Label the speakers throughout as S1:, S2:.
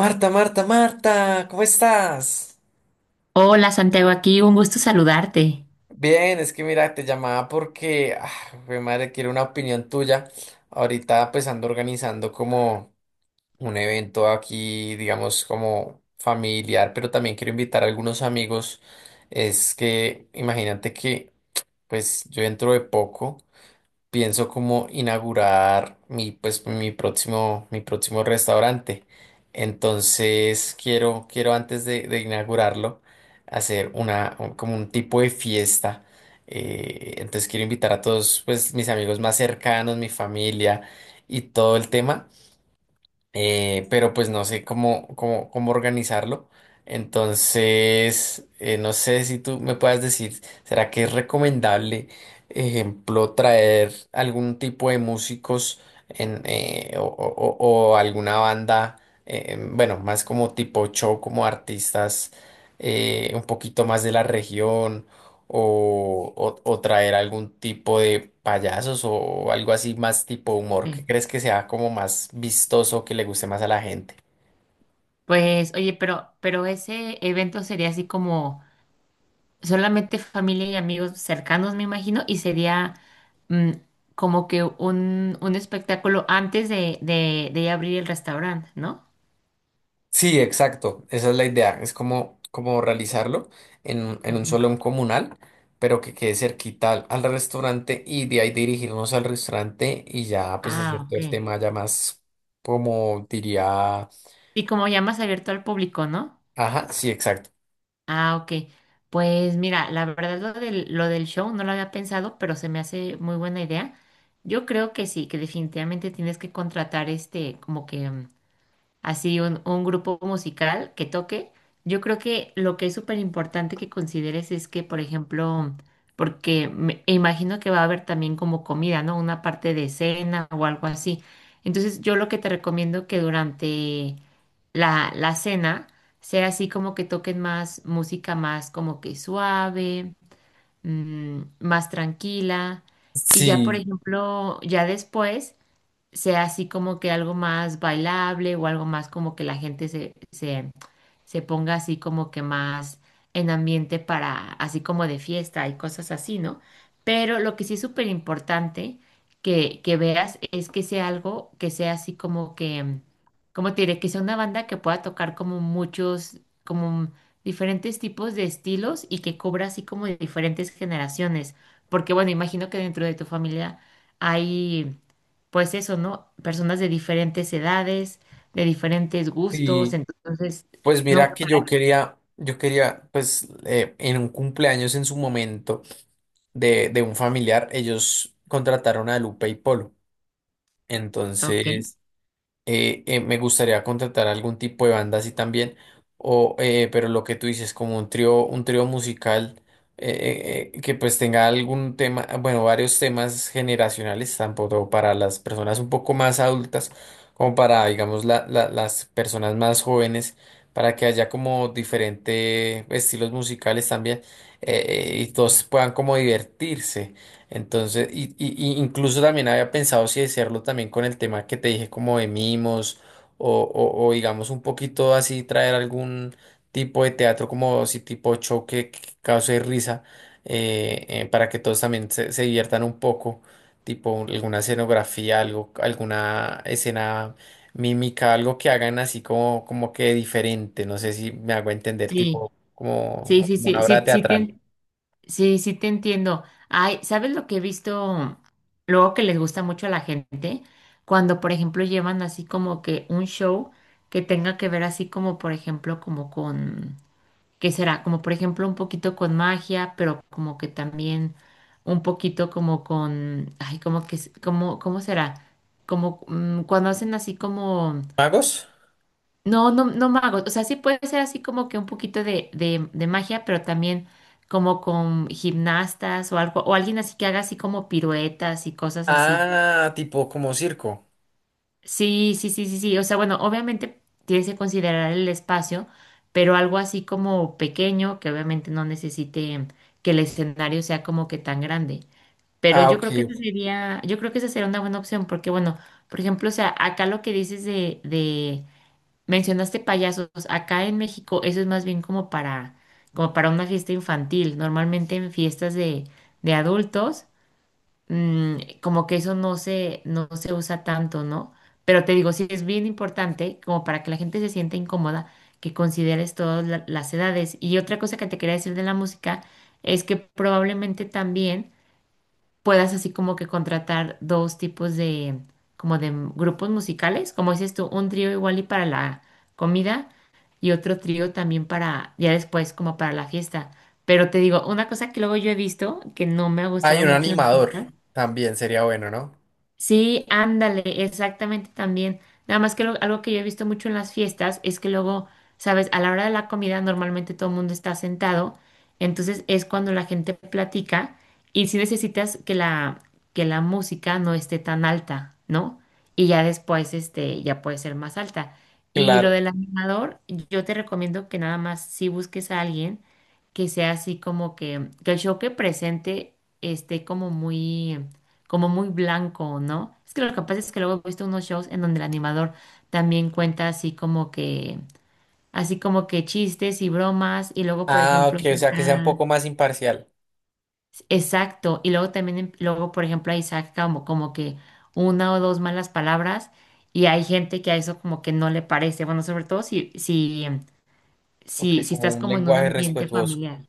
S1: Marta, Marta, Marta, ¿cómo estás?
S2: Hola Santiago, aquí un gusto saludarte.
S1: Bien, es que mira, te llamaba porque, quiero una opinión tuya. Ahorita pues ando organizando como un evento aquí, digamos, como familiar, pero también quiero invitar a algunos amigos. Es que imagínate que pues yo dentro de poco pienso como inaugurar mi, pues, mi próximo restaurante. Entonces quiero antes de inaugurarlo hacer una, como un tipo de fiesta. Entonces quiero invitar a todos, pues, mis amigos más cercanos, mi familia y todo el tema, pero pues no sé cómo organizarlo. Entonces, no sé si tú me puedas decir, ¿será que es recomendable, ejemplo, traer algún tipo de músicos en, o alguna banda, bueno, más como tipo show, como artistas un poquito más de la región? ¿O, o traer algún tipo de payasos o algo así más tipo humor? ¿Qué
S2: Sí.
S1: crees que sea como más vistoso, que le guste más a la gente?
S2: Pues oye, pero ese evento sería así como solamente familia y amigos cercanos, me imagino, y sería mm, como que un espectáculo antes de abrir el restaurante, ¿no?
S1: Sí, exacto, esa es la idea, es como, como realizarlo en, en un
S2: Ujú.
S1: salón comunal, pero que quede cerquita al, al restaurante y de ahí dirigirnos al restaurante y ya pues
S2: Ah,
S1: hacer todo
S2: ok.
S1: el tema ya más como diría,
S2: Y como ya más abierto al público, ¿no?
S1: ajá, sí, exacto.
S2: Ah, ok. Pues mira, la verdad lo del show no lo había pensado, pero se me hace muy buena idea. Yo creo que sí, que definitivamente tienes que contratar este, como que así un grupo musical que toque, yo creo que lo que es súper importante que consideres es que, por ejemplo, porque me e imagino que va a haber también como comida, ¿no? Una parte de cena o algo así. Entonces, yo lo que te recomiendo que durante la cena sea así como que toquen más música más como que suave, más tranquila. Y ya, por
S1: Sí,
S2: ejemplo, ya después sea así como que algo más bailable o algo más como que la gente se ponga así como que más en ambiente para, así como de fiesta y cosas así, ¿no? Pero lo que sí es súper importante que veas es que sea algo que sea así como que, como te diré, que sea una banda que pueda tocar como muchos, como diferentes tipos de estilos y que cubra así como de diferentes generaciones. Porque bueno, imagino que dentro de tu familia hay pues eso, ¿no? Personas de diferentes edades, de diferentes gustos,
S1: y
S2: entonces,
S1: pues mira
S2: no,
S1: que yo quería, pues en un cumpleaños en su momento de un familiar, ellos contrataron a Lupe y Polo. Sí.
S2: para, ok,
S1: Entonces, me gustaría contratar algún tipo de banda así también, o, pero lo que tú dices, como un trío musical, que pues tenga algún tema, bueno, varios temas generacionales, tanto para las personas un poco más adultas, como para, digamos, las personas más jóvenes, para que haya como diferentes estilos musicales también, eh, y todos puedan como divertirse. Entonces, y incluso también había pensado si hacerlo también con el tema que te dije como de mimos o, o digamos un poquito así traer algún tipo de teatro como si tipo choque que cause risa, para que todos también se diviertan un poco, tipo alguna escenografía, algo, alguna escena mímica, algo que hagan así como, como que diferente, no sé si me hago entender,
S2: sí,
S1: tipo
S2: sí,
S1: como,
S2: sí,
S1: como
S2: sí,
S1: una
S2: sí,
S1: obra teatral.
S2: sí, sí te entiendo. Ay, ¿sabes lo que he visto luego que les gusta mucho a la gente? Cuando, por ejemplo, llevan así como que un show que tenga que ver así como, por ejemplo, como con que será como por ejemplo un poquito con magia, pero como que también un poquito como con, ay, como, ¿cómo será? Como cuando hacen así como,
S1: ¿Magos?
S2: no, no, no magos, o sea, sí puede ser así como que un poquito de magia, pero también como con gimnastas o algo, o alguien así que haga así como piruetas y cosas así.
S1: Ah, tipo como circo.
S2: Sí, sí, sí, sí, sí. O sea, bueno, obviamente tienes que considerar el espacio, pero algo así como pequeño, que obviamente no necesite que el escenario sea como que tan grande. Pero
S1: Ah, ok, ok.
S2: yo creo que esa sería una buena opción, porque bueno, por ejemplo, o sea, acá lo que dices mencionaste payasos, acá en México eso es más bien como para, como para una fiesta infantil. Normalmente en fiestas de adultos como que eso no se usa tanto, ¿no? Pero te digo, sí es bien importante, como para que la gente se sienta incómoda, que consideres todas las edades. Y otra cosa que te quería decir de la música es que probablemente también puedas así como que contratar dos tipos de, como de grupos musicales, como dices tú, un trío igual y para la comida y otro trío también para, ya después, como para la fiesta. Pero te digo, una cosa que luego yo he visto que no me ha
S1: Hay
S2: gustado
S1: un
S2: mucho en la
S1: animador.
S2: fiesta.
S1: También sería bueno, ¿no?
S2: Sí, ándale, exactamente también. Nada más que algo que yo he visto mucho en las fiestas es que luego, sabes, a la hora de la comida normalmente todo el mundo está sentado, entonces es cuando la gente platica y si necesitas que que la música no esté tan alta, ¿no? Y ya después, este, ya puede ser más alta. Y lo
S1: Claro.
S2: del animador, yo te recomiendo que nada más si busques a alguien que sea así como que el show que presente esté como muy blanco, ¿no? Es que lo que pasa es que luego he visto unos shows en donde el animador también cuenta así como que chistes y bromas, y luego, por
S1: Ah,
S2: ejemplo,
S1: ok, o sea, que sea un
S2: saca-
S1: poco más imparcial.
S2: exacto, y luego también, luego, por ejemplo, ahí saca como, como que una o dos malas palabras, y hay gente que a eso como que no le parece, bueno, sobre todo
S1: Ok,
S2: si
S1: como
S2: estás
S1: un
S2: como en un
S1: lenguaje
S2: ambiente
S1: respetuoso.
S2: familiar.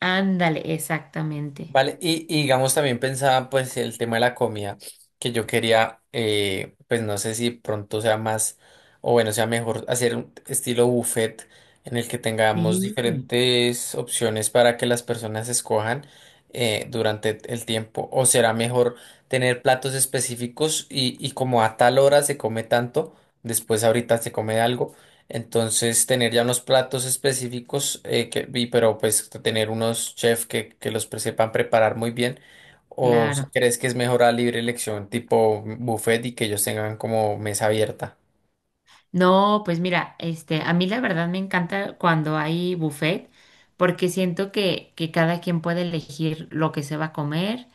S2: Ándale, exactamente.
S1: Vale, y digamos también pensaba pues el tema de la comida, que yo quería, pues no sé si pronto sea más, o bueno, sea mejor hacer un estilo buffet en el que tengamos
S2: Sí,
S1: diferentes opciones para que las personas escojan, durante el tiempo, o será mejor tener platos específicos y como a tal hora se come tanto, después ahorita se come algo. Entonces, tener ya unos platos específicos, que, y, pero pues tener unos chefs que los sepan preparar muy bien. ¿O si
S2: claro.
S1: crees que es mejor a libre elección, tipo buffet y que ellos tengan como mesa abierta?
S2: No, pues mira, este, a mí la verdad me encanta cuando hay buffet porque siento que cada quien puede elegir lo que se va a comer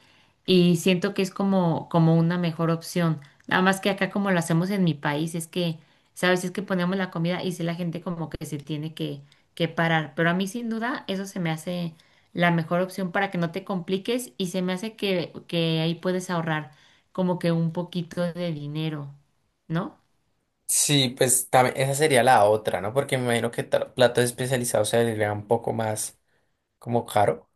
S2: y siento que es como, como una mejor opción. Nada más que acá como lo hacemos en mi país es que, sabes, es que ponemos la comida y si la gente como que se tiene que parar. Pero a mí sin duda eso se me hace la mejor opción para que no te compliques y se me hace que ahí puedes ahorrar como que un poquito de dinero, ¿no?
S1: Sí, pues también esa sería la otra, ¿no? Porque me imagino que platos especializados se le un poco más, como caro,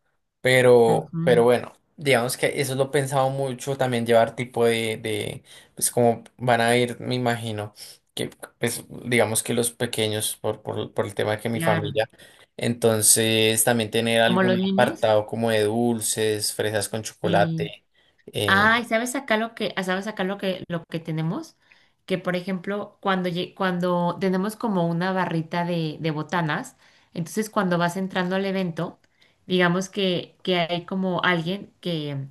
S1: pero
S2: Ujú.
S1: bueno, digamos que eso lo he pensado mucho, también llevar tipo de, pues como van a ir, me imagino, que pues digamos que los pequeños, por el tema de que mi
S2: Claro,
S1: familia, entonces también tener
S2: como
S1: algún
S2: los niños,
S1: apartado como de dulces, fresas con
S2: y
S1: chocolate, eh,
S2: ay, ¿sabes acá lo que, ah, sabes acá lo que tenemos? Que por ejemplo, cuando, cuando tenemos como una barrita de botanas, entonces cuando vas entrando al evento, digamos que hay como alguien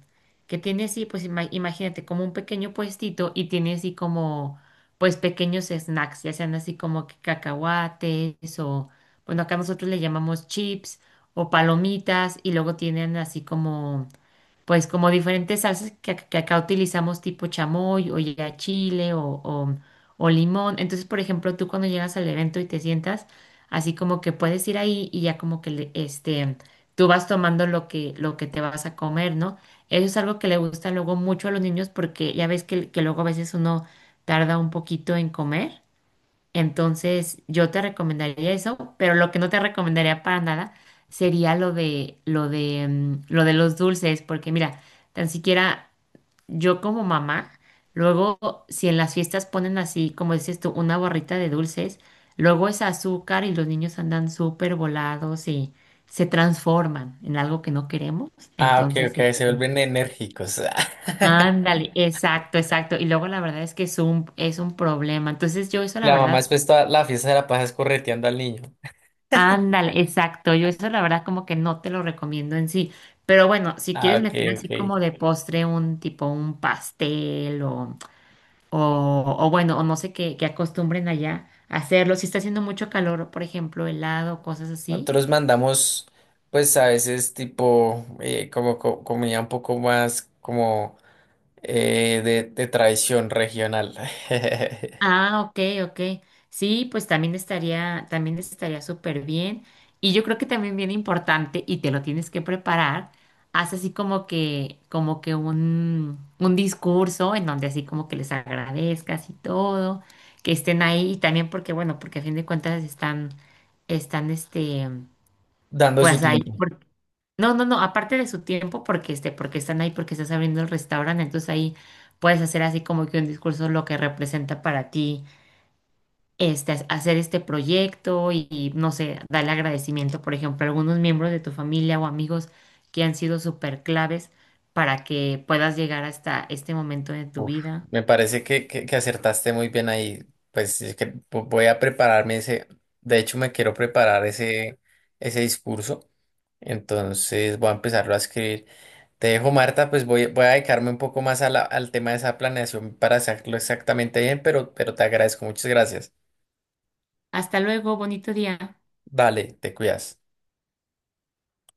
S2: que tiene así, pues imagínate, como un pequeño puestito y tiene así como, pues pequeños snacks, ya sean así como que cacahuates o, bueno, acá nosotros le llamamos chips o palomitas y luego tienen así como pues como diferentes salsas que acá utilizamos tipo chamoy o ya chile o limón. Entonces, por ejemplo, tú cuando llegas al evento y te sientas, así como que puedes ir ahí y ya como que este, tú vas tomando lo que te vas a comer, ¿no? Eso es algo que le gusta luego mucho a los niños porque ya ves que luego a veces uno tarda un poquito en comer. Entonces, yo te recomendaría eso, pero lo que no te recomendaría para nada sería lo de los dulces, porque mira, tan siquiera yo como mamá, luego si en las fiestas ponen así, como dices tú, una barrita de dulces, luego es azúcar y los niños andan súper volados y se transforman en algo que no queremos,
S1: ah, ok,
S2: entonces
S1: ok,
S2: este,
S1: se vuelven enérgicos.
S2: ándale, exacto, exacto. Y luego la verdad es que es un problema. Entonces yo eso la
S1: La mamá
S2: verdad
S1: después toda la fiesta de la pasa es correteando al niño.
S2: ándale, exacto. Yo eso la verdad como que no te lo recomiendo en sí. Pero bueno, si
S1: Ah,
S2: quieres
S1: ok,
S2: meter así
S1: ok.
S2: como de postre un tipo un pastel o bueno, o no sé qué, qué acostumbren allá a hacerlo. Si está haciendo mucho calor, por ejemplo, helado, cosas así.
S1: Nosotros mandamos, pues a veces tipo, como comida un poco más como, de tradición regional.
S2: Ah, ok, ok. Sí, pues también estaría súper bien. Y yo creo que también bien importante, y te lo tienes que preparar, haz así como que un discurso en donde así como que les agradezcas y todo, que estén ahí, y también porque, bueno, porque a fin de cuentas están, están este,
S1: Dando su
S2: pues ahí
S1: tiempo.
S2: por- no, no, no, aparte de su tiempo, porque este, porque están ahí, porque estás abriendo el restaurante, entonces ahí puedes hacer así como que un discurso lo que representa para ti este, hacer este proyecto y, no sé, darle agradecimiento, por ejemplo, a algunos miembros de tu familia o amigos que han sido súper claves para que puedas llegar hasta este momento de tu
S1: Uf,
S2: vida.
S1: me parece que acertaste muy bien ahí. Pues es que voy a prepararme ese, de hecho me quiero preparar ese, ese discurso, entonces voy a empezarlo a escribir. Te dejo, Marta, pues voy, voy a dedicarme un poco más a al tema de esa planeación para hacerlo exactamente bien, pero te agradezco, muchas gracias.
S2: Hasta luego, bonito día.
S1: Dale, te cuidas.